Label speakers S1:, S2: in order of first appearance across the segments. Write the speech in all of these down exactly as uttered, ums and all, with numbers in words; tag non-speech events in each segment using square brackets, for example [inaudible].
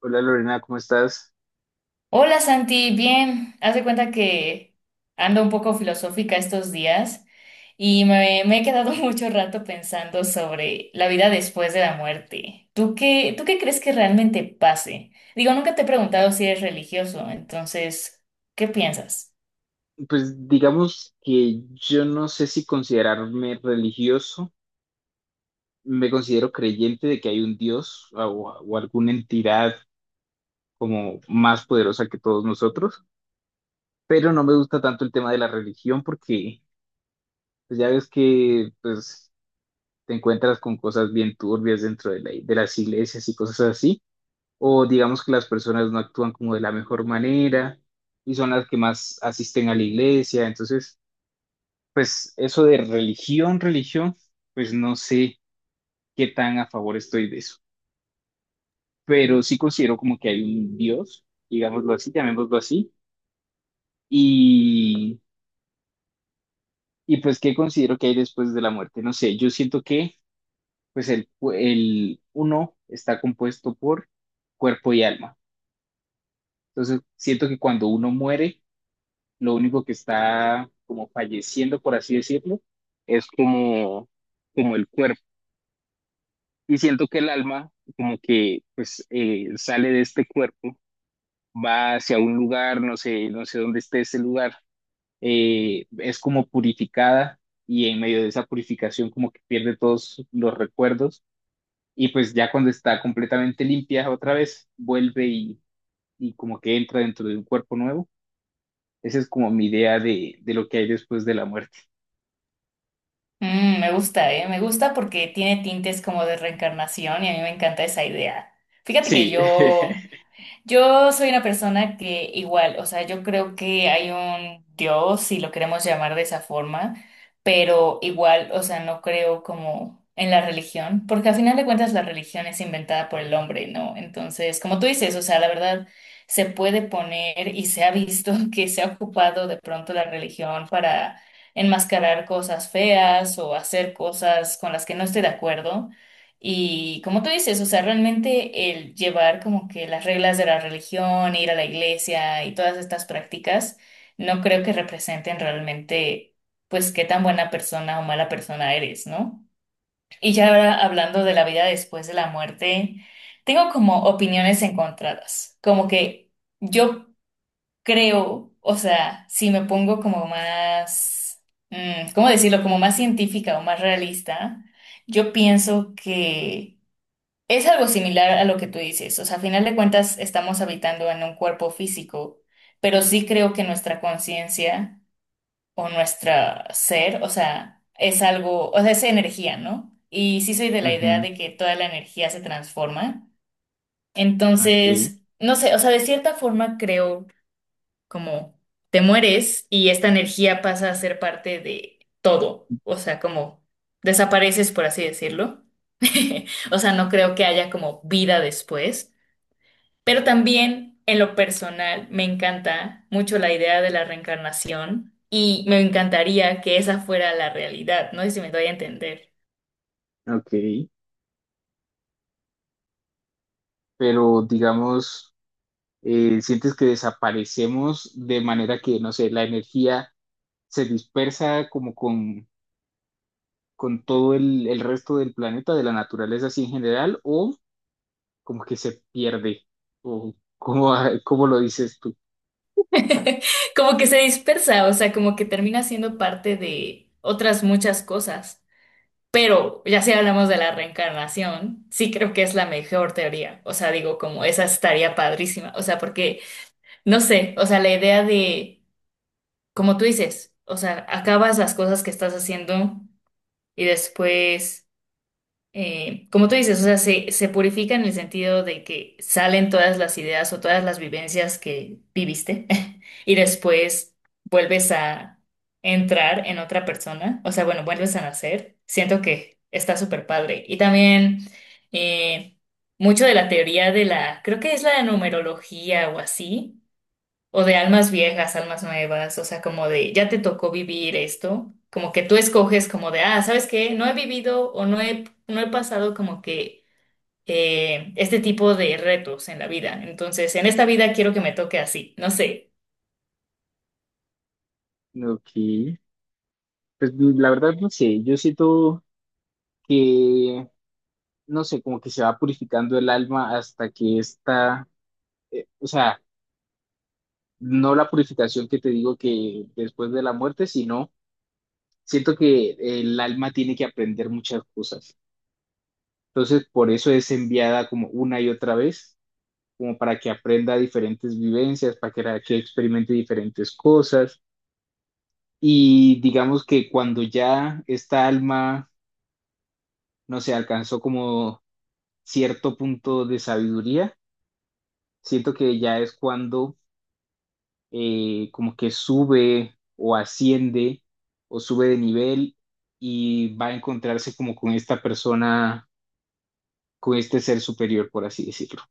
S1: Hola Lorena, ¿cómo estás?
S2: Hola Santi, bien. Haz de cuenta que ando un poco filosófica estos días y me, me he quedado [laughs] mucho rato pensando sobre la vida después de la muerte. ¿Tú qué, tú qué crees que realmente pase? Digo, nunca te he preguntado si eres religioso, entonces, ¿qué piensas?
S1: Pues digamos que yo no sé si considerarme religioso, me considero creyente de que hay un Dios o, o alguna entidad como más poderosa que todos nosotros, pero no me gusta tanto el tema de la religión porque pues, ya ves que pues, te encuentras con cosas bien turbias dentro de la- de las iglesias y cosas así, o digamos que las personas no actúan como de la mejor manera y son las que más asisten a la iglesia, entonces. Pues eso de religión, religión, pues no sé qué tan a favor estoy de eso, pero sí considero como que hay un Dios, digámoslo así, llamémoslo así, y, y pues qué considero que hay después de la muerte, no sé, yo siento que pues el, el uno está compuesto por cuerpo y alma, entonces siento que cuando uno muere, lo único que está como falleciendo, por así decirlo, es como, como el cuerpo. Y siento que el alma como que pues eh, sale de este cuerpo, va hacia un lugar, no sé, no sé dónde esté ese lugar, eh, es como purificada y en medio de esa purificación como que pierde todos los recuerdos y pues ya cuando está completamente limpia otra vez vuelve y, y como que entra dentro de un cuerpo nuevo. Esa es como mi idea de, de lo que hay después de la muerte.
S2: Mm, me gusta, ¿eh? Me gusta porque tiene tintes como de reencarnación y a mí me encanta esa idea. Fíjate que
S1: Sí.
S2: yo Yo soy una persona que igual, o sea, yo creo que hay un Dios, si lo queremos llamar de esa forma, pero igual, o sea, no creo como en la religión, porque al final de cuentas la religión es inventada por el hombre, ¿no? Entonces, como tú dices, o sea, la verdad se puede poner y se ha visto [laughs] que se ha ocupado de pronto la religión para enmascarar cosas feas o hacer cosas con las que no estoy de acuerdo. Y como tú dices, o sea, realmente el llevar como que las reglas de la religión, ir a la iglesia y todas estas prácticas, no creo que representen realmente, pues, qué tan buena persona o mala persona eres, ¿no? Y ya ahora hablando de la vida después de la muerte, tengo como opiniones encontradas, como que yo creo, o sea, si me pongo como más, mm, ¿cómo decirlo? Como más científica o más realista, yo pienso que es algo similar a lo que tú dices, o sea, a final de cuentas estamos habitando en un cuerpo físico, pero sí creo que nuestra conciencia o nuestra ser, o sea, es algo, o sea, es energía, ¿no? Y sí soy de
S1: [laughs]
S2: la idea
S1: Ujú.
S2: de que toda la energía se transforma.
S1: Ok,
S2: Entonces, no sé, o sea, de cierta forma creo como te mueres y esta energía pasa a ser parte de todo, o sea, como desapareces, por así decirlo. [laughs] O sea, no creo que haya como vida después, pero también en lo personal me encanta mucho la idea de la reencarnación y me encantaría que esa fuera la realidad, no sé si me doy a entender.
S1: ok. Pero digamos, eh, sientes que desaparecemos de manera que, no sé, la energía se dispersa como con, con todo el, el resto del planeta, de la naturaleza así en general, o como que se pierde, o cómo, [laughs] cómo lo dices tú.
S2: [laughs] Como que se dispersa, o sea, como que termina siendo parte de otras muchas cosas. Pero ya si hablamos de la reencarnación, sí creo que es la mejor teoría. O sea, digo, como esa estaría padrísima. O sea, porque, no sé, o sea, la idea de, como tú dices, o sea, acabas las cosas que estás haciendo y después eh, como tú dices, o sea, se, se purifica en el sentido de que salen todas las ideas o todas las vivencias que viviste [laughs] y después vuelves a entrar en otra persona, o sea, bueno, vuelves a nacer. Siento que está súper padre. Y también eh, mucho de la teoría de la, creo que es la numerología o así, o de almas viejas, almas nuevas, o sea, como de ya te tocó vivir esto, como que tú escoges como de, ah, ¿sabes qué? No he vivido o no he, no he pasado como que eh, este tipo de retos en la vida. Entonces, en esta vida quiero que me toque así, no sé.
S1: Ok, pues la verdad no sé, yo siento que, no sé, como que se va purificando el alma hasta que está, eh, o sea, no la purificación que te digo que después de la muerte, sino. Siento que el alma tiene que aprender muchas cosas. Entonces, por eso es enviada como una y otra vez, como para que aprenda diferentes vivencias, para que, para que experimente diferentes cosas. Y digamos que cuando ya esta alma, no sé, alcanzó como cierto punto de sabiduría, siento que ya es cuando eh, como que sube o asciende o sube de nivel y va a encontrarse como con esta persona con este ser superior, por así decirlo.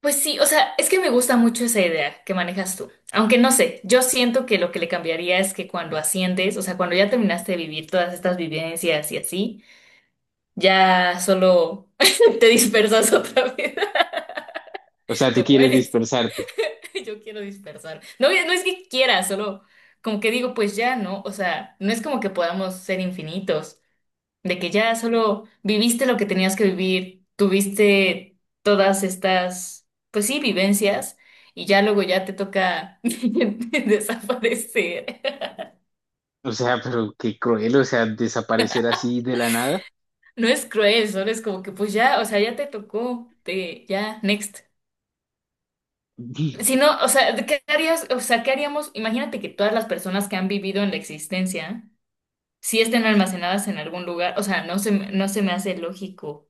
S2: Pues sí, o sea, es que me gusta mucho esa idea que manejas tú. Aunque no sé, yo siento que lo que le cambiaría es que cuando asciendes, o sea, cuando ya terminaste de vivir todas estas vivencias y así, ya solo [laughs] te dispersas otra vez,
S1: O sea,
S2: [laughs]
S1: tú
S2: te
S1: quieres
S2: mueres.
S1: dispersarte.
S2: [laughs] Yo quiero dispersar. No, no es que quiera, solo como que digo, pues ya, ¿no? O sea, no es como que podamos ser infinitos, de que ya solo viviste lo que tenías que vivir, tuviste todas estas, pues sí, vivencias, y ya luego ya te toca [laughs] desaparecer.
S1: O sea, pero qué cruel, o sea, desaparecer así de la nada.
S2: No es cruel, solo es como que pues ya, o sea, ya te tocó, te, ya, next. Si
S1: [laughs]
S2: no, o sea, ¿qué harías? O sea, ¿qué haríamos? Imagínate que todas las personas que han vivido en la existencia sí estén almacenadas en algún lugar, o sea, no se, me- no se me hace lógico.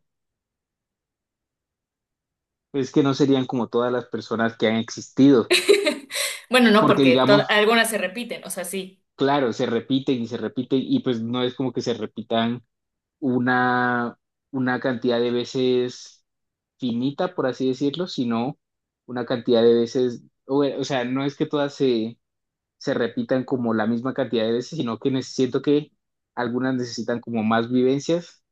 S1: Es que no serían como todas las personas que han existido,
S2: [laughs] Bueno, no,
S1: porque
S2: porque to-
S1: digamos,
S2: algunas se repiten, o sea, sí.
S1: claro, se repiten y se repiten y pues no es como que se repitan una, una cantidad de veces finita, por así decirlo, sino una cantidad de veces, o, o sea, no es que todas se se repitan como la misma cantidad de veces, sino que ne- siento que algunas necesitan como más vivencias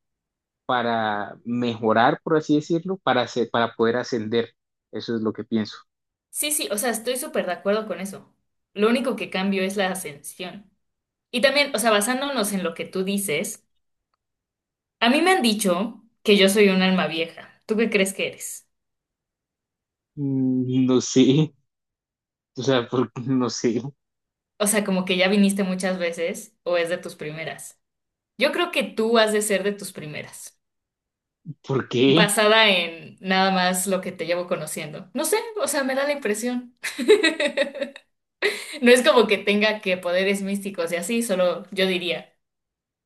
S1: para mejorar, por así decirlo, para, hacer- para poder ascender. Eso es lo que pienso.
S2: Sí, sí, o sea, estoy súper de acuerdo con eso. Lo único que cambio es la ascensión. Y también, o sea, basándonos en lo que tú dices, a mí me han dicho que yo soy un alma vieja. ¿Tú qué crees que eres?
S1: Mm, no sé, o sea, por- [laughs] no sé
S2: O sea, como que ya viniste muchas veces o es de tus primeras. Yo creo que tú has de ser de tus primeras.
S1: por qué,
S2: Basada en nada más lo que te llevo conociendo. No sé, o sea, me da la impresión. [laughs] No es como que tenga que poderes místicos y así, solo yo diría.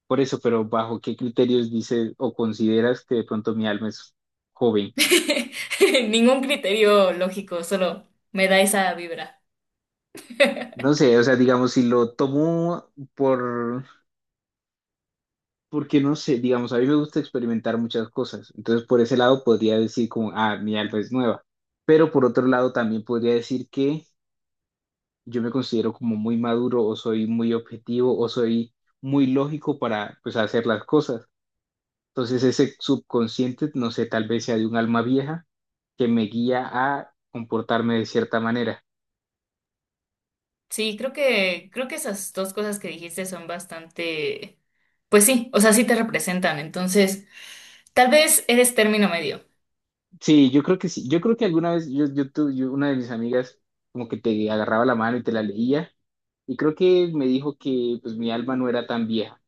S1: por eso, pero bajo qué criterios dices o consideras que de pronto mi alma es joven.
S2: [laughs] Ningún criterio lógico, solo me da esa vibra.
S1: No sé, o sea, digamos, si lo tomo por, porque no sé, digamos, a mí me gusta experimentar muchas cosas, entonces por ese lado podría decir como, ah, mi alma es nueva, pero por otro lado también podría decir que yo me considero como muy maduro o soy muy objetivo o soy muy lógico para pues hacer las cosas. Entonces ese subconsciente, no sé, tal vez sea de un alma vieja que me guía a comportarme de cierta manera.
S2: Sí, creo que, creo que esas dos cosas que dijiste son bastante, pues sí, o sea, sí te representan. Entonces, tal vez eres término medio.
S1: Sí, yo creo que sí, yo creo que alguna vez yo, yo, tu- yo- una de mis amigas como que te agarraba la mano y te la leía. Y creo que me dijo que pues mi alma no era tan vieja,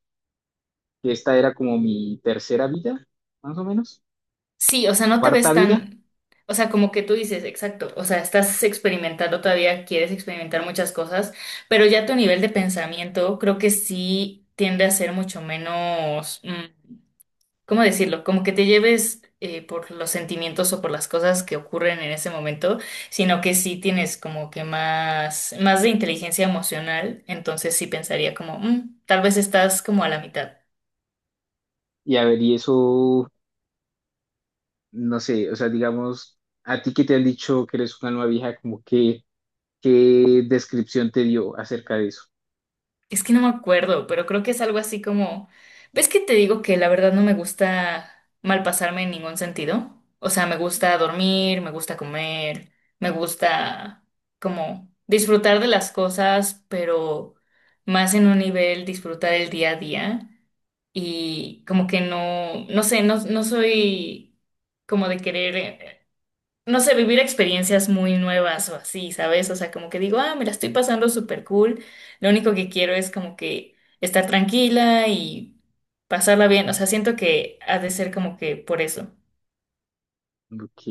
S1: que esta era como mi tercera vida, más o menos,
S2: Sí, o sea, no te
S1: cuarta
S2: ves
S1: vida.
S2: tan, o sea, como que tú dices, exacto, o sea, estás experimentando todavía, quieres experimentar muchas cosas, pero ya tu nivel de pensamiento creo que sí tiende a ser mucho menos, mm, ¿cómo decirlo? Como que te lleves eh, por los sentimientos o por las cosas que ocurren en ese momento, sino que sí tienes como que más, más, de inteligencia emocional, entonces sí pensaría como, "Mm, tal vez estás como a la mitad".
S1: Y a ver, y eso, no sé, o sea, digamos, a ti que te han dicho que eres un alma vieja, como que, ¿qué descripción te dio acerca de eso?
S2: Es que no me acuerdo, pero creo que es algo así como, ¿ves que te digo que la verdad no me gusta malpasarme en ningún sentido? O sea, me gusta dormir, me gusta comer, me gusta como disfrutar de las cosas, pero más en un nivel disfrutar el día a día y como que no, no sé, no, no soy como de querer no sé, vivir experiencias muy nuevas o así, ¿sabes? O sea, como que digo, ah, me la estoy pasando súper cool. Lo único que quiero es como que estar tranquila y pasarla bien. O sea, siento que ha de ser como que por eso.
S1: Ok,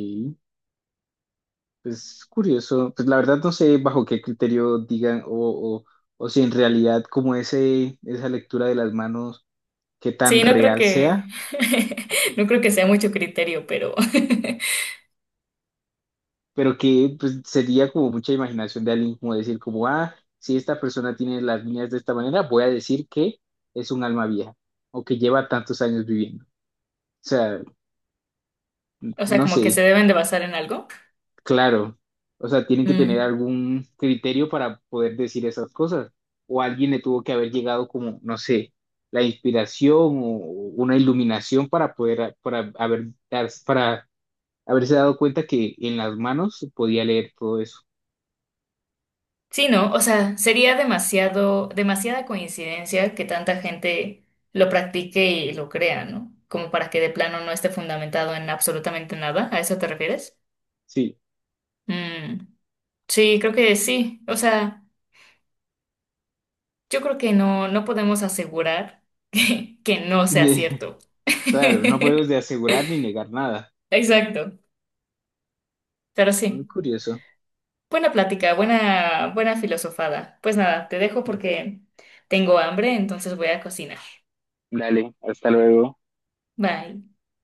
S1: pues curioso. Pues la verdad no sé bajo qué criterio digan o, o, o si en realidad como ese, esa lectura de las manos, qué tan
S2: Sí, no creo
S1: real
S2: que,
S1: sea.
S2: [laughs] no creo que sea mucho criterio, pero,
S1: Pero que pues, sería como mucha imaginación de alguien como decir como, ah, si esta persona tiene las líneas de esta manera, voy a decir que es un alma vieja o que lleva tantos años viviendo. O sea,
S2: [laughs] o sea,
S1: no
S2: como que se
S1: sé,
S2: deben de basar en algo.
S1: claro. O sea, tienen que tener algún criterio para poder decir esas cosas. O alguien le tuvo que haber llegado como, no sé, la inspiración o una iluminación para poder, para haber, para haberse dado cuenta que en las manos podía leer todo eso.
S2: Sí, ¿no? O sea, sería demasiado, demasiada coincidencia que tanta gente lo practique y lo crea, ¿no? Como para que de plano no esté fundamentado en absolutamente nada. ¿A eso te refieres?
S1: Sí.
S2: Mm, sí, creo que sí. O sea, yo creo que no, no podemos asegurar [laughs] que, que no sea
S1: [laughs]
S2: cierto. [laughs]
S1: Claro, no puedes de asegurar ni negar nada.
S2: Exacto. Pero
S1: Muy
S2: sí.
S1: curioso.
S2: Buena plática, buena, buena filosofada. Pues nada, te dejo porque tengo hambre, entonces voy a cocinar.
S1: Dale, hasta luego.
S2: Bye.